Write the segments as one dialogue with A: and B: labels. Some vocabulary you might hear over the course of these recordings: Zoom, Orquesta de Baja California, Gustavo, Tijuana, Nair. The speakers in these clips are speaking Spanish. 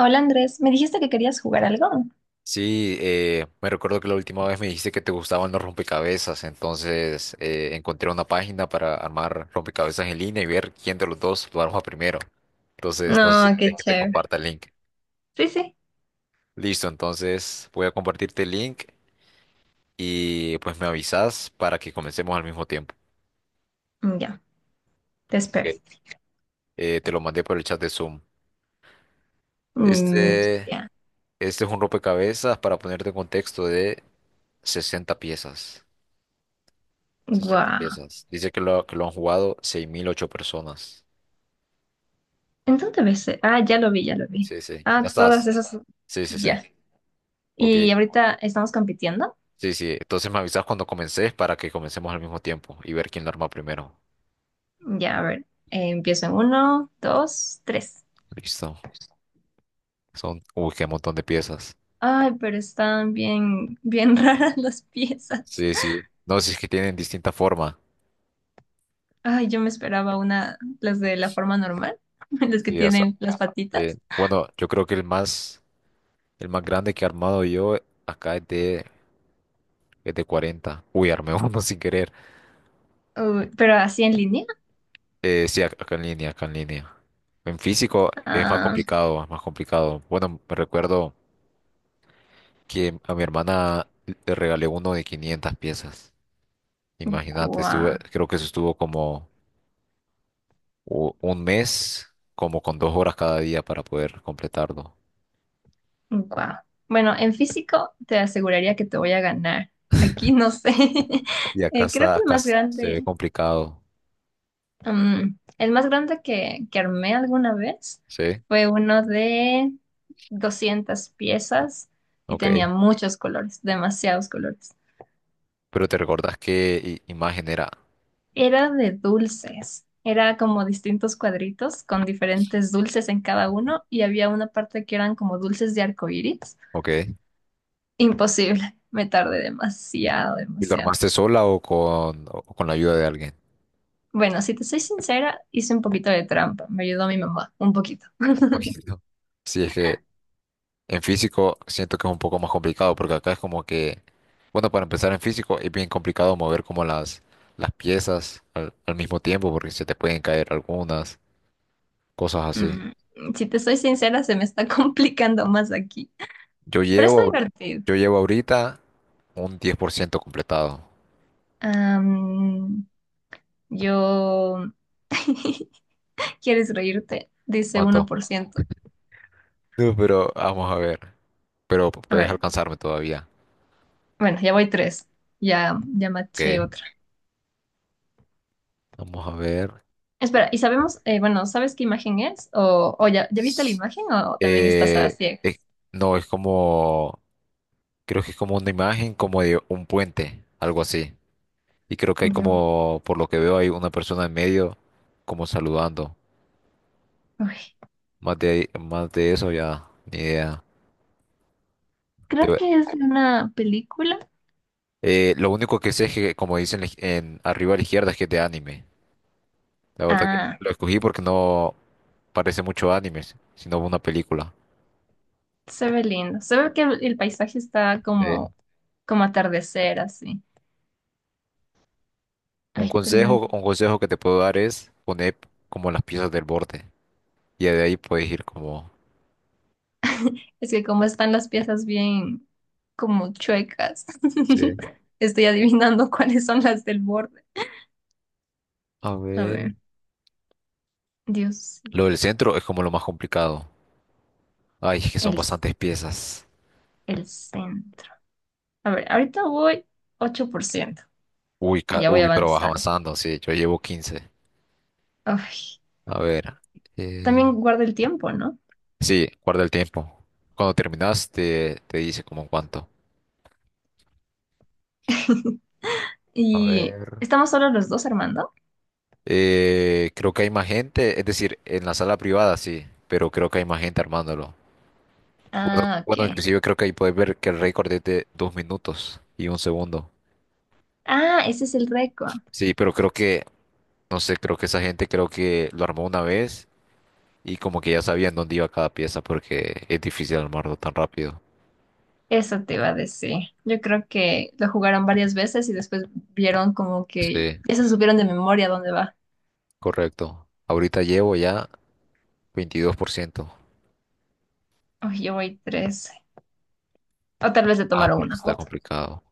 A: Hola Andrés, me dijiste que querías jugar algo.
B: Sí, me recuerdo que la última vez me dijiste que te gustaban los rompecabezas, entonces encontré una página para armar rompecabezas en línea y ver quién de los dos lo arma primero. Entonces, no sé si
A: No, qué
B: quieres que te
A: chévere.
B: comparta el link.
A: Sí, sí.
B: Listo, entonces voy a compartirte el link y pues me avisas para que comencemos al mismo tiempo.
A: Mm, ya, te espero.
B: Ok. Te lo mandé por el chat de Zoom.
A: Mm,
B: Este,
A: ya.
B: este es un rompecabezas para ponerte en contexto de 60 piezas. 60
A: Guau.
B: piezas. Dice que lo han jugado 6.008 personas.
A: ¿En dónde ves? Ah, ya lo vi, ya lo vi.
B: Sí, sí.
A: Ah,
B: ¿Ya
A: todas
B: estás?
A: esas.
B: Sí, sí, sí.
A: Ya.
B: Ok.
A: Y ahorita estamos compitiendo.
B: Sí, sí. Entonces me avisas cuando comences para que comencemos al mismo tiempo y ver quién lo arma primero.
A: Ya, a ver. Empiezo en uno, dos, tres.
B: Listo. Son, uy, qué montón de piezas.
A: Ay, pero están bien, bien raras las piezas.
B: Sí, sí. No, si es que tienen distinta forma.
A: Ay, yo me esperaba una, las de la forma normal, las que
B: Sí,
A: tienen las patitas.
B: bueno, yo creo que el más grande que he armado yo acá es de 40. Uy, armé uno sin querer.
A: Uy, pero así en línea.
B: Acá en línea, acá en línea. En físico es más
A: Ah,
B: complicado, es más complicado. Bueno, me recuerdo que a mi hermana le regalé uno de 500 piezas. Imagínate,
A: guau.
B: estuve, creo que eso estuvo como un mes, como con 2 horas cada día para poder completarlo.
A: Wow. Bueno, en físico te aseguraría que te voy a ganar. Aquí no sé.
B: Y acá
A: Creo
B: está,
A: que el
B: acá
A: más
B: se ve
A: grande,
B: complicado.
A: que armé alguna vez
B: Sí,
A: fue uno de 200 piezas y
B: ok.
A: tenía muchos colores, demasiados colores.
B: ¿Pero te recordás qué imagen era?
A: Era de dulces. Era como distintos cuadritos con diferentes dulces en cada uno y había una parte que eran como dulces de arcoíris.
B: Ok.
A: Imposible. Me tardé demasiado,
B: ¿Y lo
A: demasiado.
B: armaste sola o con la ayuda de alguien?
A: Bueno, si te soy sincera, hice un poquito de trampa. Me ayudó mi mamá, un poquito.
B: Poquito. Sí, es que en físico siento que es un poco más complicado porque acá es como que, bueno, para empezar en físico es bien complicado mover como las piezas al mismo tiempo porque se te pueden caer algunas, cosas así.
A: Mm, si te soy sincera, se me está complicando más aquí.
B: Yo
A: Pero está
B: llevo,
A: divertido.
B: yo llevo ahorita un 10% completado.
A: Am, yo... ¿Quieres reírte? Dice uno
B: ¿Cuánto?
A: por ciento.
B: No, pero vamos a ver. Pero
A: A
B: puedes
A: ver,
B: alcanzarme todavía.
A: bueno, ya voy tres. Ya, ya
B: Ok,
A: maché otra.
B: vamos a ver.
A: Espera, bueno, ¿sabes qué imagen es? ¿O ya, ya viste la
B: S-
A: imagen o también estás a
B: eh,
A: ciegas?
B: eh, no, es como, creo que es como una imagen como de un puente, algo así. Y creo que hay
A: De un-
B: como, por lo que veo, hay una persona en medio como saludando.
A: Uy,
B: Más de eso ya, ni idea. Te
A: creo
B: voy-
A: que es de una película.
B: lo único que sé es que, como dicen en, arriba a la izquierda, es que es de anime. La verdad que
A: Ah.
B: lo escogí porque no parece mucho anime, sino una película.
A: Se ve lindo. Se ve que el paisaje está
B: Eh,
A: como atardecer, así.
B: un
A: Ay, perdón.
B: consejo, un consejo que te puedo dar es poner como las piezas del borde. Y de ahí puedes ir como...
A: Es que como están las piezas bien como chuecas,
B: Sí.
A: estoy adivinando cuáles son las del borde.
B: A
A: A
B: ver.
A: ver, Dios,
B: Lo del centro es como lo más complicado. Ay, es que son
A: el,
B: bastantes piezas.
A: el centro. A ver, ahorita voy 8%.
B: Uy, ca-
A: Ya voy
B: uy, pero vas
A: avanzando.
B: avanzando. Sí, yo llevo 15.
A: Ay,
B: A ver, eh,
A: también guarda el tiempo, ¿no?
B: sí, guarda el tiempo. Cuando terminas te dice como en cuánto. A
A: Y
B: ver.
A: estamos solo los dos, Armando.
B: Creo que hay más gente, es decir, en la sala privada sí, pero creo que hay más gente armándolo. Bueno,
A: Ah,
B: bueno,
A: ok.
B: inclusive creo que ahí puedes ver que el récord es de 2 minutos y 1 segundo.
A: Ah, ese es el récord.
B: Sí, pero creo que, no sé, creo que esa gente creo que lo armó una vez y como que ya sabían dónde iba cada pieza porque es difícil armarlo tan rápido.
A: Eso te iba a decir. Yo creo que lo jugaron varias veces y después vieron como que
B: Sí.
A: ya se supieron de memoria dónde va.
B: Correcto. Ahorita llevo ya 22%.
A: Uy, yo voy tres. O tal vez le
B: Ah,
A: tomaron
B: pero sí
A: una
B: está
A: foto.
B: complicado.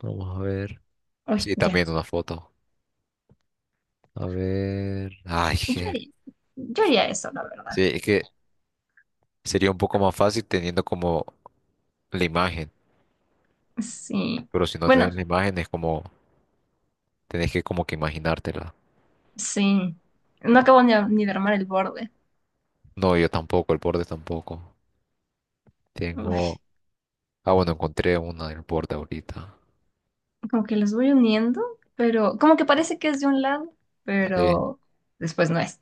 B: Vamos a ver.
A: Uy,
B: Sí,
A: ya.
B: también una foto. A ver. Ay,
A: Yo
B: que.
A: haría, yo haría eso, la verdad.
B: Sí, es que sería un poco más fácil teniendo como la imagen.
A: Sí.
B: Pero si no
A: Bueno,
B: tenés la imagen es como. Tenés que como que imaginártela.
A: sí. No acabo ni ni de armar el borde.
B: No, yo tampoco, el borde tampoco.
A: Uy,
B: Tengo. Ah, bueno, encontré una del borde ahorita.
A: como que los voy uniendo, pero como que parece que es de un lado,
B: Sí.
A: pero después no es.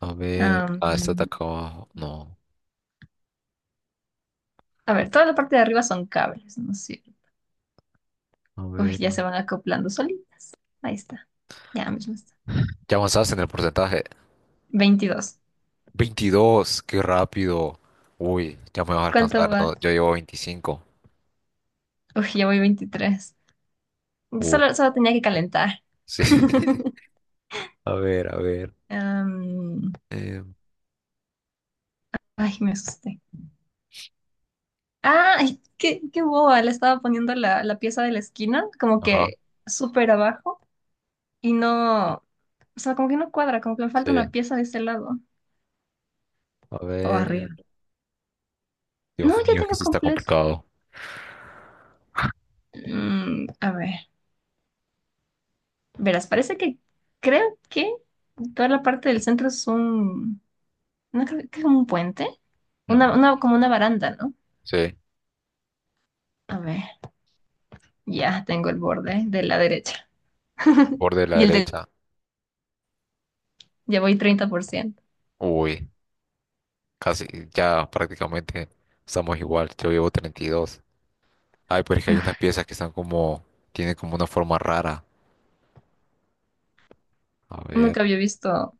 B: A ver. Ah, esta está
A: Am,
B: acá abajo. No.
A: a ver, toda la parte de arriba son cables, ¿no es cierto?
B: A
A: Uy,
B: ver.
A: ya se van acoplando solitos. Ahí está. Ya mismo está.
B: ¿Ya avanzaste en el porcentaje?
A: 22.
B: 22, qué rápido. Uy, ya me vas a
A: ¿Cuánto
B: alcanzar.
A: va?
B: No, yo llevo 25.
A: Uy, ya voy 23.
B: Uf,
A: Solo tenía que calentar.
B: sí. A ver, a ver.
A: Am,
B: eh,
A: ay, me asusté. Ah, ay, qué boba. Le estaba poniendo la pieza de la esquina, como
B: ajá,
A: que súper abajo, y no, o sea, como que no cuadra, como que me falta una
B: sí.
A: pieza de ese lado
B: A
A: o
B: ver.
A: arriba. No,
B: Dios
A: ya
B: mío, que
A: tengo
B: sí está
A: completo.
B: complicado.
A: Mm, a ver, verás, parece que creo que toda la parte del centro. No creo que es un puente.
B: Ujú,
A: Una, como una baranda, ¿no?
B: sí,
A: A ver, ya tengo el borde de la derecha.
B: borde de la
A: Y el de...
B: derecha.
A: Ya voy 30%.
B: Uy, casi, ya prácticamente estamos igual. Yo llevo 32. Ay, pero es que hay unas piezas que están como, tienen como una forma rara. A ver.
A: Nunca había visto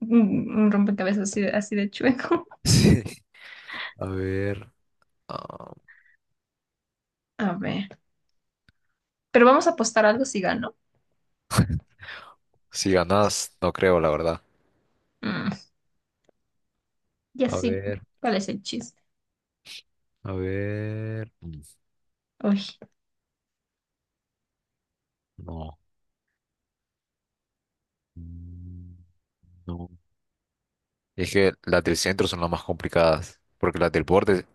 A: un, un rompecabezas así de chueco.
B: Sí, a ver. Ah,
A: A ver. Pero vamos a apostar algo si gano.
B: si ganas, no creo, la verdad.
A: Mm, ya
B: A
A: sí.
B: ver.
A: ¿Cuál es el chiste?
B: A ver.
A: Uy,
B: No. mm, No. Es que las del centro son las más complicadas. Porque las del borde,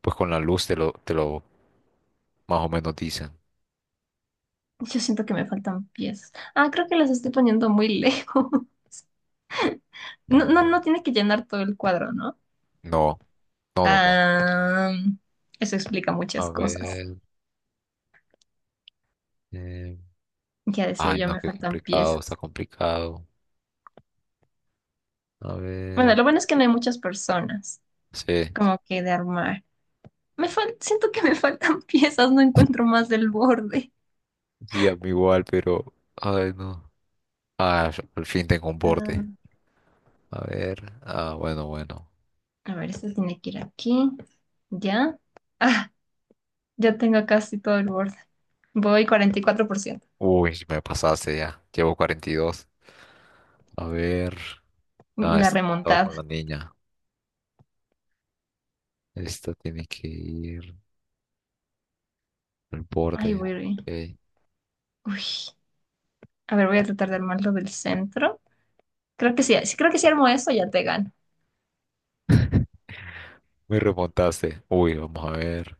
B: pues con la luz te lo más o menos dicen.
A: yo siento que me faltan piezas. Ah, creo que las estoy poniendo muy lejos.
B: A
A: No, no,
B: ver.
A: no tiene que llenar todo el cuadro, ¿no?
B: No, no, no, no.
A: Ah, eso explica
B: A
A: muchas cosas.
B: ver. eh,
A: Ya decía
B: Ay,
A: yo,
B: no,
A: me
B: qué
A: faltan
B: complicado, está
A: piezas.
B: complicado. A
A: Bueno,
B: ver.
A: lo bueno es que no hay muchas personas
B: Sí.
A: como que de armar. Me fal- siento que me faltan piezas, no encuentro más del borde.
B: Sí, a mí igual, pero. Ay, no. Ah, al fin tengo un
A: Ah,
B: borde. A ver. Ah, bueno, bueno.
A: a ver, este tiene que ir aquí. ¿Ya? Ah, ya tengo casi todo el borde. Voy 44%.
B: Uy, me pasaste ya. Llevo 42. A ver.
A: Mm,
B: Ah,
A: la
B: esta estaba con
A: remontada.
B: la niña. Esta tiene que ir al
A: Ay,
B: borde.
A: voy.
B: Ok.
A: Uy. A ver, voy a tratar de armarlo del centro. Creo que sí, sí, creo que si armo eso ya te gano.
B: Me remontaste. Uy, vamos a ver.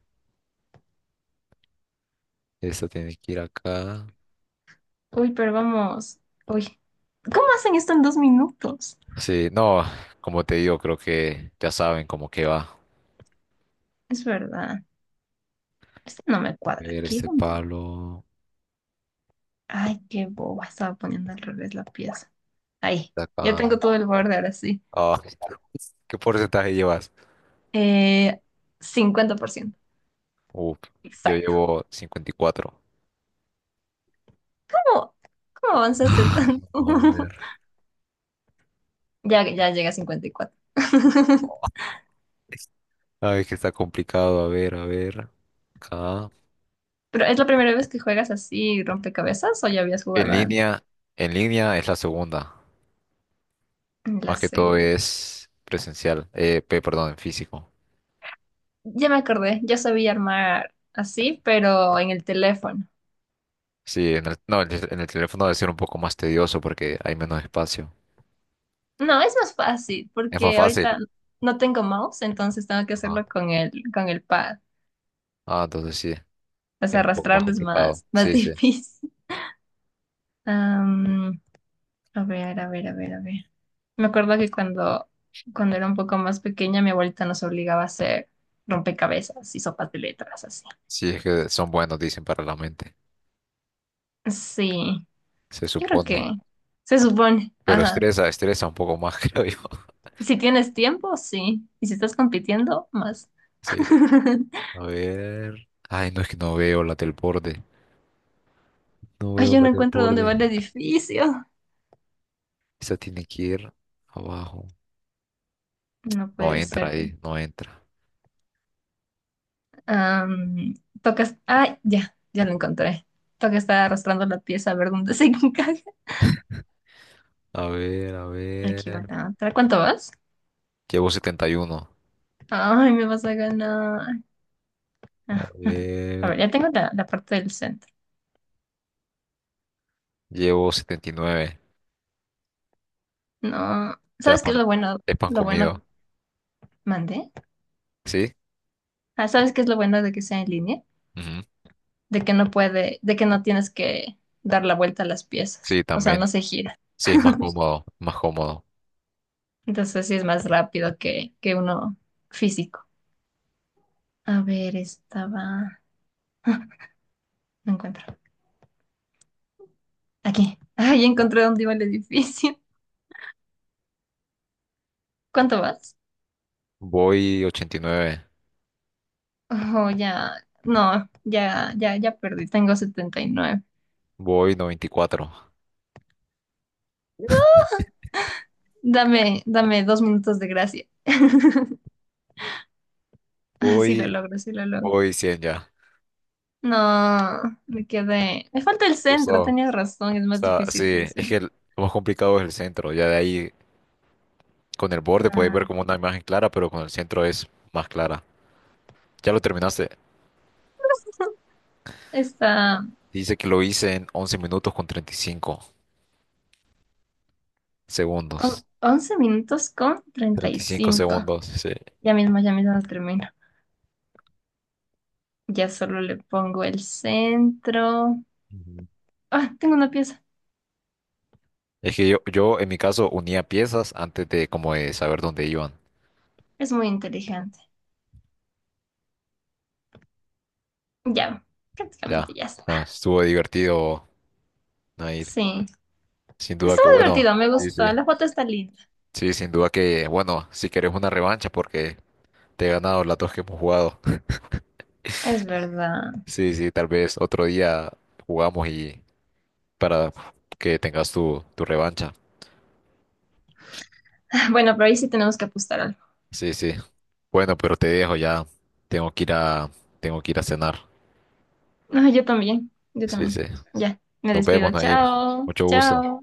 B: Esta tiene que ir acá.
A: Uy, pero vamos. Uy. ¿Cómo hacen esto en 2 minutos?
B: Sí, no, como te digo, creo que ya saben cómo que va. A
A: Es verdad. Este no me cuadra
B: ver,
A: aquí.
B: este
A: ¿Dónde?
B: palo.
A: Ay, qué boba, estaba poniendo al revés la pieza. Ahí,
B: De
A: ya
B: acá.
A: tengo todo el borde ahora sí.
B: Ah, ¿qué porcentaje llevas?
A: Eh, 50%.
B: Uf, yo
A: Exacto.
B: llevo 54.
A: ¿Cómo, cómo avanzaste
B: Ay,
A: tanto?
B: vamos a ver.
A: Ya, ya llega a 54.
B: Ay, que está complicado. A ver, a ver. Acá.
A: ¿Pero es la primera vez que juegas así rompecabezas o ya habías
B: En
A: jugado antes?
B: línea, en línea es la segunda.
A: La
B: Más que todo
A: segunda.
B: es presencial, perdón, en físico.
A: Ya me acordé, yo sabía armar así, pero en el teléfono.
B: Sí, en el, no, en el teléfono debe ser un poco más tedioso porque hay menos espacio.
A: No, es más fácil
B: Es más
A: porque
B: fácil.
A: ahorita no tengo mouse, entonces tengo que
B: Ajá.
A: hacerlo con el pad.
B: Ah, entonces sí,
A: O sea,
B: es un poco más
A: arrastrarlo es
B: complicado.
A: más, más
B: Sí, sí.
A: difícil. Am, a ver, a ver, a ver, a ver. Me acuerdo que cuando era un poco más pequeña, mi abuelita nos obligaba a hacer rompecabezas y sopas de letras, así.
B: Sí, es que son buenos, dicen, para la mente,
A: Sí,
B: se
A: yo creo
B: supone.
A: que se supone.
B: Pero
A: Ajá.
B: estresa, estresa un poco más, creo yo.
A: Si tienes tiempo, sí. Y si estás compitiendo, más.
B: Sí. A ver. Ay, no es que no veo la del borde. No
A: Ay,
B: veo
A: yo
B: la
A: no
B: del
A: encuentro dónde va
B: borde.
A: el edificio.
B: Esa tiene que ir abajo.
A: No
B: No
A: puede
B: entra
A: ser que.
B: ahí, no entra.
A: Am, Tocas. Ah, ya, ya lo encontré. Toca estar arrastrando la pieza a ver dónde se encaja.
B: A ver, a
A: Aquí va
B: ver.
A: la otra. ¿Cuánto vas?
B: Llevo 71.
A: Ay, me vas a ganar.
B: A
A: Ah, a
B: ver.
A: ver, ya tengo la parte del centro.
B: Llevo 79.
A: No.
B: Ya es
A: ¿Sabes qué
B: pan,
A: es lo bueno?
B: es pan
A: Lo bueno que
B: comido.
A: mandé.
B: ¿Sí?
A: Ah, ¿sabes qué es lo bueno de que sea en línea?
B: Ujú.
A: De que no puede, de que no tienes que dar la vuelta a las piezas.
B: Sí,
A: O sea, no
B: también.
A: se gira.
B: Sí, es más cómodo. Más cómodo.
A: Entonces sí es más rápido que uno físico. A ver, estaba. No encuentro. Aquí. Ay, encontré dónde iba el edificio. ¿Cuánto vas?
B: Voy 89.
A: Oh, ya. No, ya, ya, ya perdí. Tengo 79.
B: Voy 94.
A: Dame, dame 2 minutos de gracia. Ah, sí lo
B: Voy,
A: logro, sí lo logro.
B: voy 100 ya.
A: No, me quedé. Me falta el centro,
B: Gustavo.
A: tenías razón, es más
B: Está, sí,
A: difícil el
B: es que
A: centro.
B: lo más complicado es el centro. Ya de ahí, con el borde puedes
A: Ah,
B: ver como una imagen clara, pero con el centro es más clara. Ya lo terminaste.
A: está
B: Dice que lo hice en 11 minutos con 35 segundos.
A: 11 minutos con treinta y
B: 35
A: cinco.
B: segundos, sí.
A: Ya mismo termino. Ya solo le pongo el centro. Ah, tengo una pieza.
B: Es que yo en mi caso unía piezas antes de como de saber dónde iban.
A: Es muy inteligente. Ya, prácticamente
B: Ya.
A: ya
B: No,
A: está.
B: estuvo divertido, Nair.
A: Sí,
B: Sin duda
A: estuvo
B: que bueno.
A: divertido, me
B: Sí, sí.
A: gustó. La foto está linda,
B: Sí, sin duda que bueno, si querés una revancha porque te he ganado las dos que hemos jugado.
A: es verdad.
B: Sí, sí, tal vez otro día jugamos y para que tengas tu revancha.
A: Bueno, pero ahí sí tenemos que apostar algo.
B: Sí, sí. Bueno, pero te dejo ya. Tengo que ir a, tengo que ir a cenar.
A: No, yo también, yo
B: Sí, sí.
A: también. Ya, me
B: Nos vemos,
A: despido.
B: Nair.
A: Chao,
B: Mucho gusto.
A: chao.